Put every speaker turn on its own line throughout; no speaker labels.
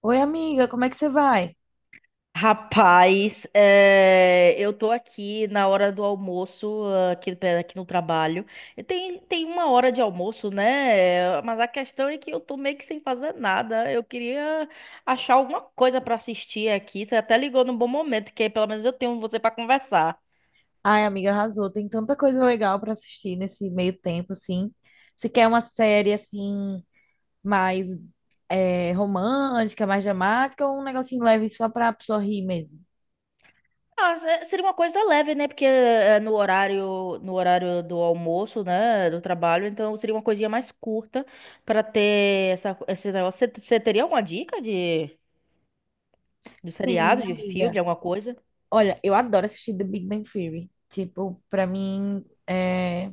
Oi, amiga, como é que você vai?
Rapaz, eu tô aqui na hora do almoço, aqui, aqui no trabalho. E tem uma hora de almoço, né? Mas a questão é que eu tô meio que sem fazer nada. Eu queria achar alguma coisa pra assistir aqui. Você até ligou num bom momento, que aí pelo menos eu tenho você pra conversar.
Ai, amiga, arrasou. Tem tanta coisa legal pra assistir nesse meio tempo, assim. Se quer uma série, assim, mais romântica, mais dramática, ou um negocinho leve só pra pessoa rir mesmo?
Ah, seria uma coisa leve, né? Porque no horário do almoço, né? Do trabalho, então seria uma coisinha mais curta pra ter esse negócio. Você teria alguma dica de. De
Sim,
seriado, de filme,
amiga.
alguma coisa.
Olha, eu adoro assistir The Big Bang Theory. Tipo, pra mim, é...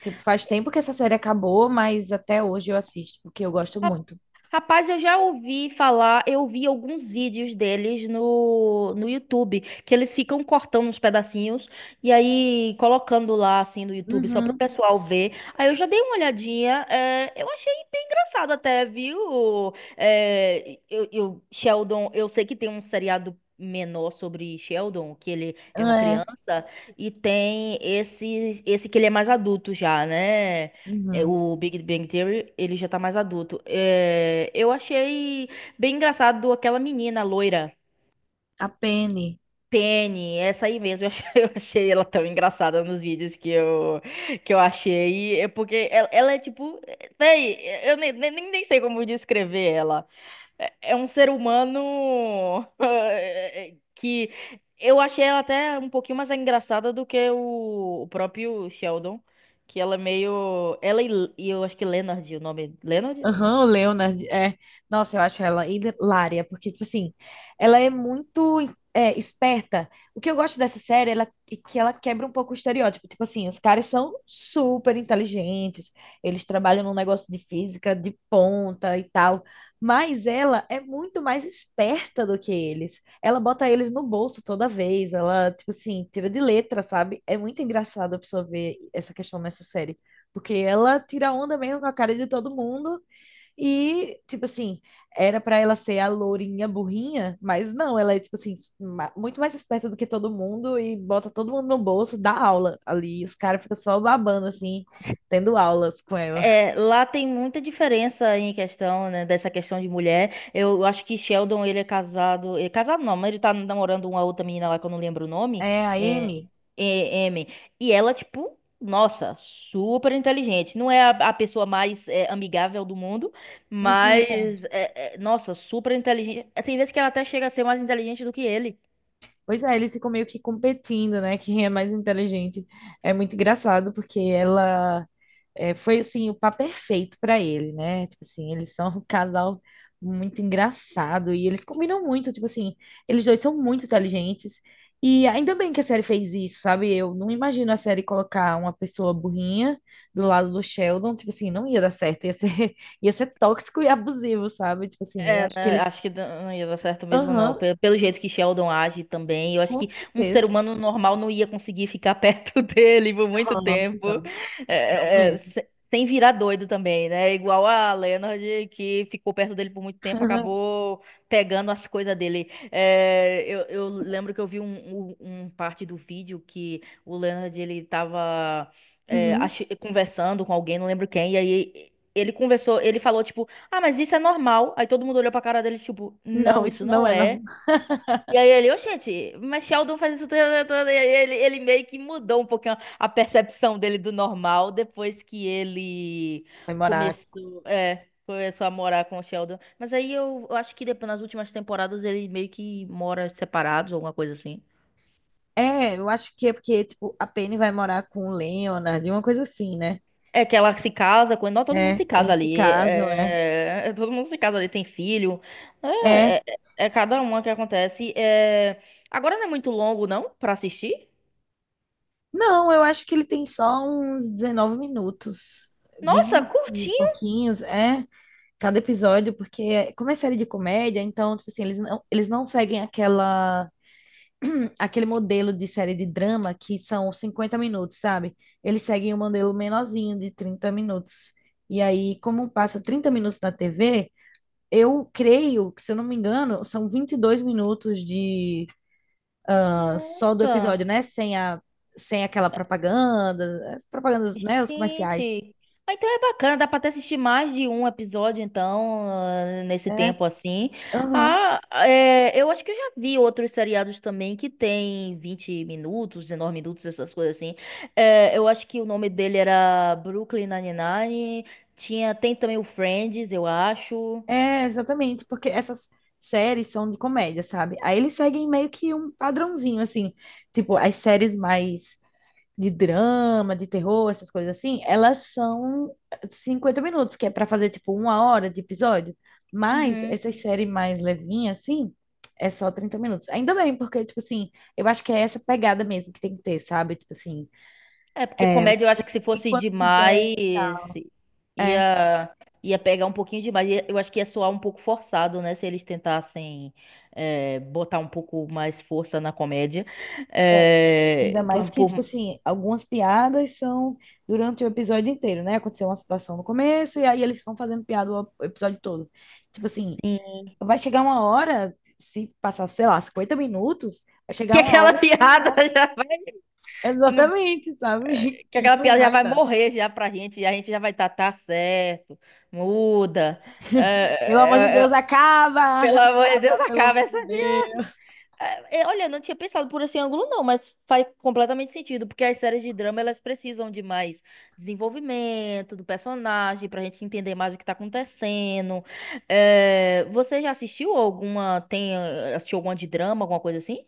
tipo, faz tempo que essa série acabou, mas até hoje eu assisto, porque eu gosto
Ra-
muito.
Rapaz, eu já ouvi falar, eu vi alguns vídeos deles no YouTube, que eles ficam cortando uns pedacinhos e aí colocando lá, assim, no YouTube, só pro
Uhum,
pessoal ver. Aí eu já dei uma olhadinha, eu achei bem engraçado até, viu? É, Sheldon, eu sei que tem um seriado menor sobre Sheldon, que ele é uma
é,
criança, e tem esse que ele é mais adulto já, né? É,
uhum.
o Big Bang Theory, ele já tá mais adulto. É, eu achei bem engraçado aquela menina loira,
A Penny.
Penny, essa aí mesmo. Eu achei, eu achei ela tão engraçada nos vídeos que eu achei. É porque ela é tipo. Véi, eu nem sei como descrever ela. É um ser humano que eu achei ela até um pouquinho mais engraçada do que o próprio Sheldon, que ela é meio. Ela e eu acho que Leonard, o nome. Leonard?
Aham, o Leonard, é. Nossa, eu acho ela hilária, porque, tipo assim, ela é muito esperta. O que eu gosto dessa série é que ela quebra um pouco o estereótipo. Tipo assim, os caras são super inteligentes, eles trabalham num negócio de física de ponta e tal, mas ela é muito mais esperta do que eles. Ela bota eles no bolso toda vez, ela, tipo assim, tira de letra, sabe? É muito engraçado a pessoa ver essa questão nessa série, porque ela tira onda mesmo com a cara de todo mundo. E, tipo assim, era pra ela ser a lourinha burrinha, mas não, ela é, tipo assim, muito mais esperta do que todo mundo e bota todo mundo no bolso, dá aula ali. Os caras ficam só babando, assim, tendo aulas com ela.
É, lá tem muita diferença em questão, né, dessa questão de mulher. Eu acho que Sheldon, ele é casado. É casado não, mas ele tá namorando uma outra menina lá que eu não lembro o nome.
É, a
É,
Amy.
é, Amy. E ela, tipo, nossa, super inteligente. Não é a pessoa mais amigável do mundo,
Uhum.
mas, nossa, super inteligente. É, tem vezes que ela até chega a ser mais inteligente do que ele.
Pois é, eles ficam meio que competindo, né? Quem é mais inteligente. É muito engraçado, porque ela. É, foi assim o par perfeito para ele, né? Tipo assim, eles são um casal muito engraçado e eles combinam muito, tipo assim, eles dois são muito inteligentes. E ainda bem que a série fez isso, sabe? Eu não imagino a série colocar uma pessoa burrinha do lado do Sheldon, tipo assim, não ia dar certo, ia ser, ia ser tóxico e abusivo, sabe? Tipo assim, eu
É,
acho que
né,
eles,
acho que não ia dar certo mesmo, não.
aham,
Pelo jeito que Sheldon age também, eu acho
com
que um ser
certeza.
humano normal não ia conseguir ficar perto dele por muito
Não,
tempo.
não,
É,
não
é, é,
mesmo.
se- Sem virar doido também, né? Igual a Leonard, que ficou perto dele por muito tempo, acabou pegando as coisas dele. É, eu lembro que eu vi um, um parte do vídeo que o Leonard, ele tava
Uhum.
conversando com alguém, não lembro quem, e aí ele conversou, ele falou, tipo, ah, mas isso é normal. Aí todo mundo olhou pra cara dele, tipo,
Não,
não,
isso
isso
não
não
é
é.
normal.
E aí ele, ô gente, mas Sheldon faz isso toda, toda. E aí ele, meio que mudou um pouquinho a percepção dele do normal depois que ele
Vai morar.
começou a morar com o Sheldon. Mas aí eu acho que depois, nas últimas temporadas ele meio que mora separados, alguma coisa assim.
É, eu acho que é porque, tipo, a Penny vai morar com o Leonard, uma coisa assim, né?
É que ela se casa, não, todo mundo se
É,
casa
eles se
ali.
casam, né?
Todo mundo se casa ali, tem filho. É,
É.
é- É cada uma que acontece. É. Agora não é muito longo, não, pra assistir?
Não, eu acho que ele tem só uns 19 minutos,
Nossa,
20 e
curtinho.
pouquinhos, é, cada episódio, porque como é série de comédia, então, tipo assim, eles não seguem aquela, aquele modelo de série de drama que são 50 minutos, sabe? Eles seguem um modelo menorzinho de 30 minutos. E aí, como passa 30 minutos na TV, eu creio que, se eu não me engano, são 22 minutos de ah, só do episódio,
Nossa.
né? Sem aquela propaganda, as propagandas, né? Os comerciais.
Gente, então é bacana, dá pra até assistir mais de um episódio, então, nesse
É,
tempo assim.
aham.
Ah, eu acho que eu já vi outros seriados também que tem 20 minutos, 19 minutos, essas coisas assim. É, eu acho que o nome dele era Brooklyn Nine-Nine, tem também o Friends, eu acho.
É, exatamente, porque essas séries são de comédia, sabe? Aí eles seguem meio que um padrãozinho, assim, tipo, as séries mais de drama, de terror, essas coisas assim, elas são 50 minutos, que é pra fazer tipo uma hora de episódio. Mas
Uhum.
essas séries mais levinhas, assim, é só 30 minutos. Ainda bem, porque, tipo assim, eu acho que é essa pegada mesmo que tem que ter, sabe? Tipo assim,
É, porque
é, você
comédia eu
pode
acho que se
assistir
fosse
quando quiser.
demais,
É,
ia, ia pegar um pouquinho demais. Eu acho que ia soar um pouco forçado, né? Se eles tentassem botar um pouco mais força na comédia.
é. Ainda
Eh,
mais
por-
que, tipo
por-
assim, algumas piadas são durante o episódio inteiro, né? Aconteceu uma situação no começo e aí eles vão fazendo piada o episódio todo. Tipo assim, vai chegar uma hora, se passar, sei lá, 50 minutos, vai chegar
que
uma
aquela
hora que não
piada
dá.
já vai, não-
Exatamente, sabe?
que
Que
aquela
não
piada já
vai
vai
dar.
morrer já pra gente, e a gente já vai estar, tá, tá certo, muda. Eh,
Pelo amor de
eh,
Deus,
eh,
acaba!
Pelo amor de Deus,
Pelo
acaba
amor
essa.
de Deus.
Olha, eu não tinha pensado por esse ângulo, não, mas faz completamente sentido, porque as séries de drama elas precisam de mais desenvolvimento do personagem, pra gente entender mais o que tá acontecendo. É, você já assistiu alguma, assistiu alguma de drama, alguma coisa assim?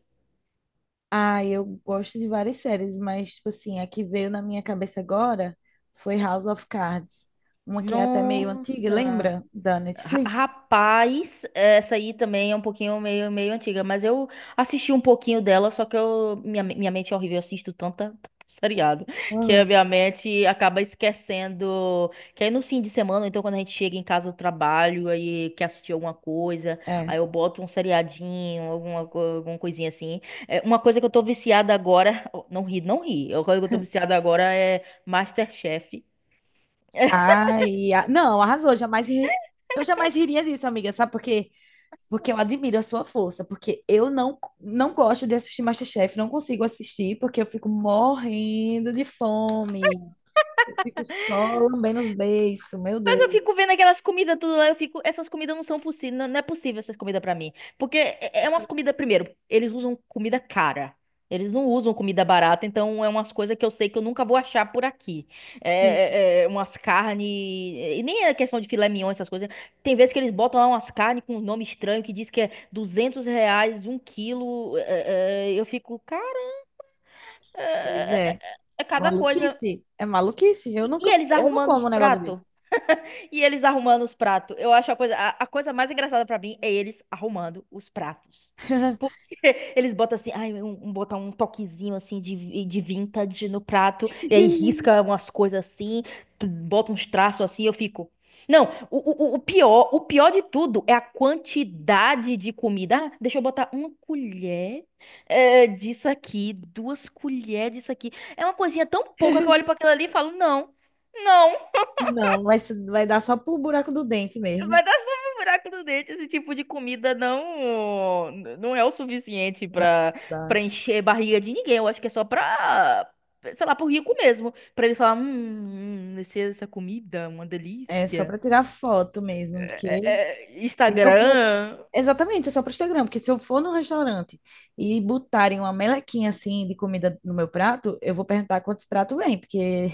Ah, eu gosto de várias séries, mas, tipo assim, a que veio na minha cabeça agora foi House of Cards. Uma que é até meio antiga,
Nossa.
lembra? Da Netflix.
Rapaz, essa aí também é um pouquinho meio antiga, mas eu assisti um pouquinho dela, só que minha mente é horrível, eu assisto tanta seriado, que a
Uhum.
minha mente acaba esquecendo, que aí no fim de semana, então quando a gente chega em casa do trabalho, aí quer assistir alguma coisa,
É.
aí eu boto um seriadinho, alguma coisinha assim. É, uma coisa que eu tô viciada agora, não ri, não ri, uma coisa que eu tô viciada agora é MasterChef.
Ai, não, arrasou. Jamais ri- Eu jamais riria disso, amiga, sabe por quê? Porque eu admiro a sua força, porque eu não gosto de assistir MasterChef, não consigo assistir, porque eu fico morrendo de fome. Eu fico só lambendo os beiços, meu
Mas
Deus.
eu fico vendo aquelas comidas tudo lá, eu fico, essas comidas não são possíveis, não, não é possível essas comidas pra mim. Porque é umas comidas, primeiro, eles usam comida cara. Eles não usam comida barata, então é umas coisas que eu sei que eu nunca vou achar por aqui.
Sim.
Umas carnes, e nem é questão de filé mignon, essas coisas. Tem vezes que eles botam lá umas carnes com um nome estranho que diz que é 200 reais, um quilo. Eu fico, cara,
Pois
é, é, é
é.
é cada coisa.
Maluquice. É maluquice. Eu
E,
nunca,
e eles
eu não
arrumando os
como um negócio
pratos?
desse.
E eles arrumando os pratos. Eu acho a coisa mais engraçada pra mim é eles arrumando os pratos. Porque eles botam assim, ai, botam um toquezinho assim de vintage no prato, e aí risca umas coisas assim, bota uns traços assim, eu fico. Não, o pior, o pior de tudo é a quantidade de comida. Ah, deixa eu botar uma colher disso aqui, duas colheres disso aqui. É uma coisinha tão pouca que eu olho pra aquilo ali e falo, não, não.
Não, vai, vai dar só pro buraco do dente mesmo.
Vai dar só um buraco no dente. Esse tipo de comida não é o suficiente
Não,
pra para
dá.
encher barriga de ninguém. Eu acho que é só pra, sei lá, pro rico mesmo. Pra ele falar, essa comida, uma
É só
delícia.
pra tirar foto mesmo, porque
É,
Se eu vou.
Instagram.
Exatamente, é só para Instagram, porque se eu for num restaurante e botarem uma melequinha assim de comida no meu prato, eu vou perguntar quantos pratos vem, porque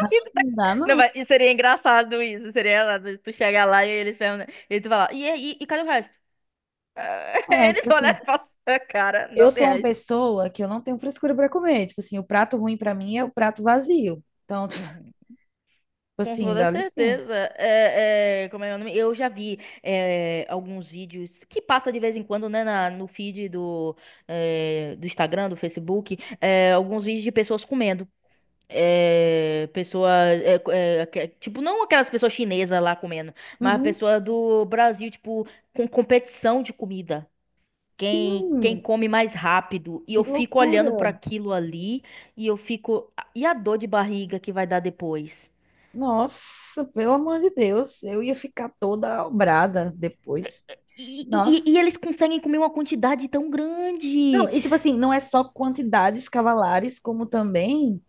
não dá,
Não,
não.
vai, e seria engraçado isso. Seria engraçado se tu chegar lá e eles perguntam, e tu falar, cadê o resto? Ah,
É,
eles
tipo
olham
assim,
pra sua cara,
eu
não tem
sou uma
resto.
pessoa que eu não tenho frescura para comer. Tipo assim, o prato ruim para mim é o prato vazio. Então, tipo
Uhum. Com
assim,
toda
dá licença.
certeza. Como é o nome? Eu já vi alguns vídeos que passa de vez em quando, né, no feed do Instagram, do Facebook, alguns vídeos de pessoas comendo. É, pessoa, é, é, aque- Tipo, não aquelas pessoas chinesas lá comendo, mas
Uhum.
pessoa do Brasil, tipo, com competição de comida. Quem
Sim,
come mais rápido. E
que
eu fico
loucura.
olhando para aquilo ali e eu fico. "Ah, e a dor de barriga que vai dar depois?
Nossa, pelo amor de Deus, eu ia ficar toda obrada depois.
E eles conseguem comer uma quantidade tão
Não,
grande.
e tipo assim, não é só quantidades cavalares, como também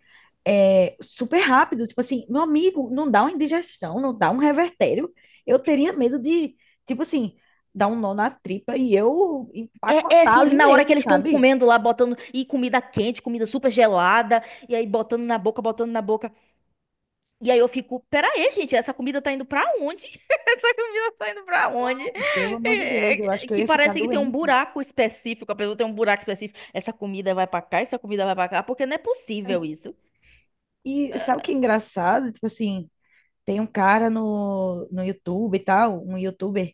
é super rápido. Tipo assim, meu amigo, não dá uma indigestão, não dá um revertério. Eu teria medo de, tipo assim, dar um nó na tripa e eu
É
empacotar
assim,
ali
na hora que
mesmo,
eles estão
sabe?
comendo lá, botando. E comida quente, comida super gelada. E aí botando na boca, botando na boca. E aí eu fico, pera aí, gente, essa comida tá indo pra onde? Essa comida tá indo pra onde?
Pelo amor de Deus, eu
É,
acho que eu
que
ia ficar
parece que tem um
doente.
buraco específico. A pessoa tem um buraco específico. Essa comida vai pra cá, essa comida vai pra cá. Porque não é possível isso.
E sabe o que é engraçado? Tipo assim, tem um cara no YouTube e tal, um YouTuber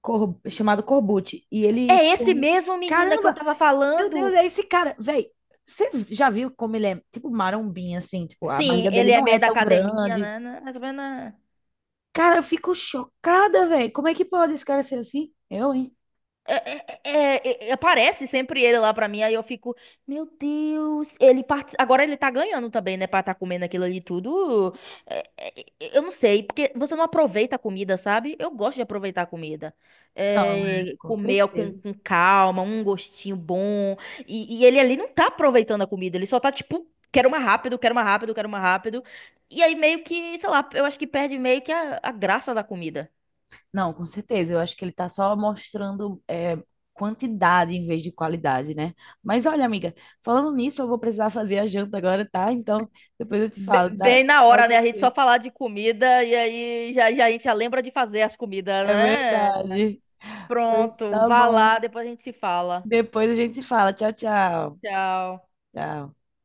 chamado Corbucci, e ele
É esse
come.
mesmo menina que eu
Caramba,
tava
meu Deus,
falando.
é esse cara. Véi, você já viu como ele é tipo marombinha, assim? Tipo, a
Sim,
barriga dele
ele é
não é
meio da
tão
academia,
grande.
né? Né, mais ou menos.
Cara, eu fico chocada, véi. Como é que pode esse cara ser assim? Eu, hein?
Aparece sempre ele lá pra mim, aí eu fico, meu Deus, agora ele tá ganhando também, né, pra tá comendo aquilo ali tudo. É, é, eu não sei, porque você não aproveita a comida, sabe? Eu gosto de aproveitar a comida.
Não, é,
É,
com
comer com,
certeza.
com calma, um gostinho bom. E ele ali não tá aproveitando a comida, ele só tá tipo, quero mais rápido, quero mais rápido, quero mais rápido. E aí meio que, sei lá, eu acho que perde meio que a graça da comida.
Não, com certeza. Eu acho que ele tá só mostrando é, quantidade em vez de qualidade, né? Mas olha, amiga, falando nisso, eu vou precisar fazer a janta agora, tá? Então, depois eu te falo, tá?
Bem na
Fala
hora,
com
né? A gente só
você.
falar de comida e aí já, já a gente já lembra de fazer as comidas,
É
né?
verdade. Pois
Pronto,
tá
vá
bom.
lá, depois a gente se fala.
Depois a gente se fala. Tchau, tchau.
Tchau.
Tchau.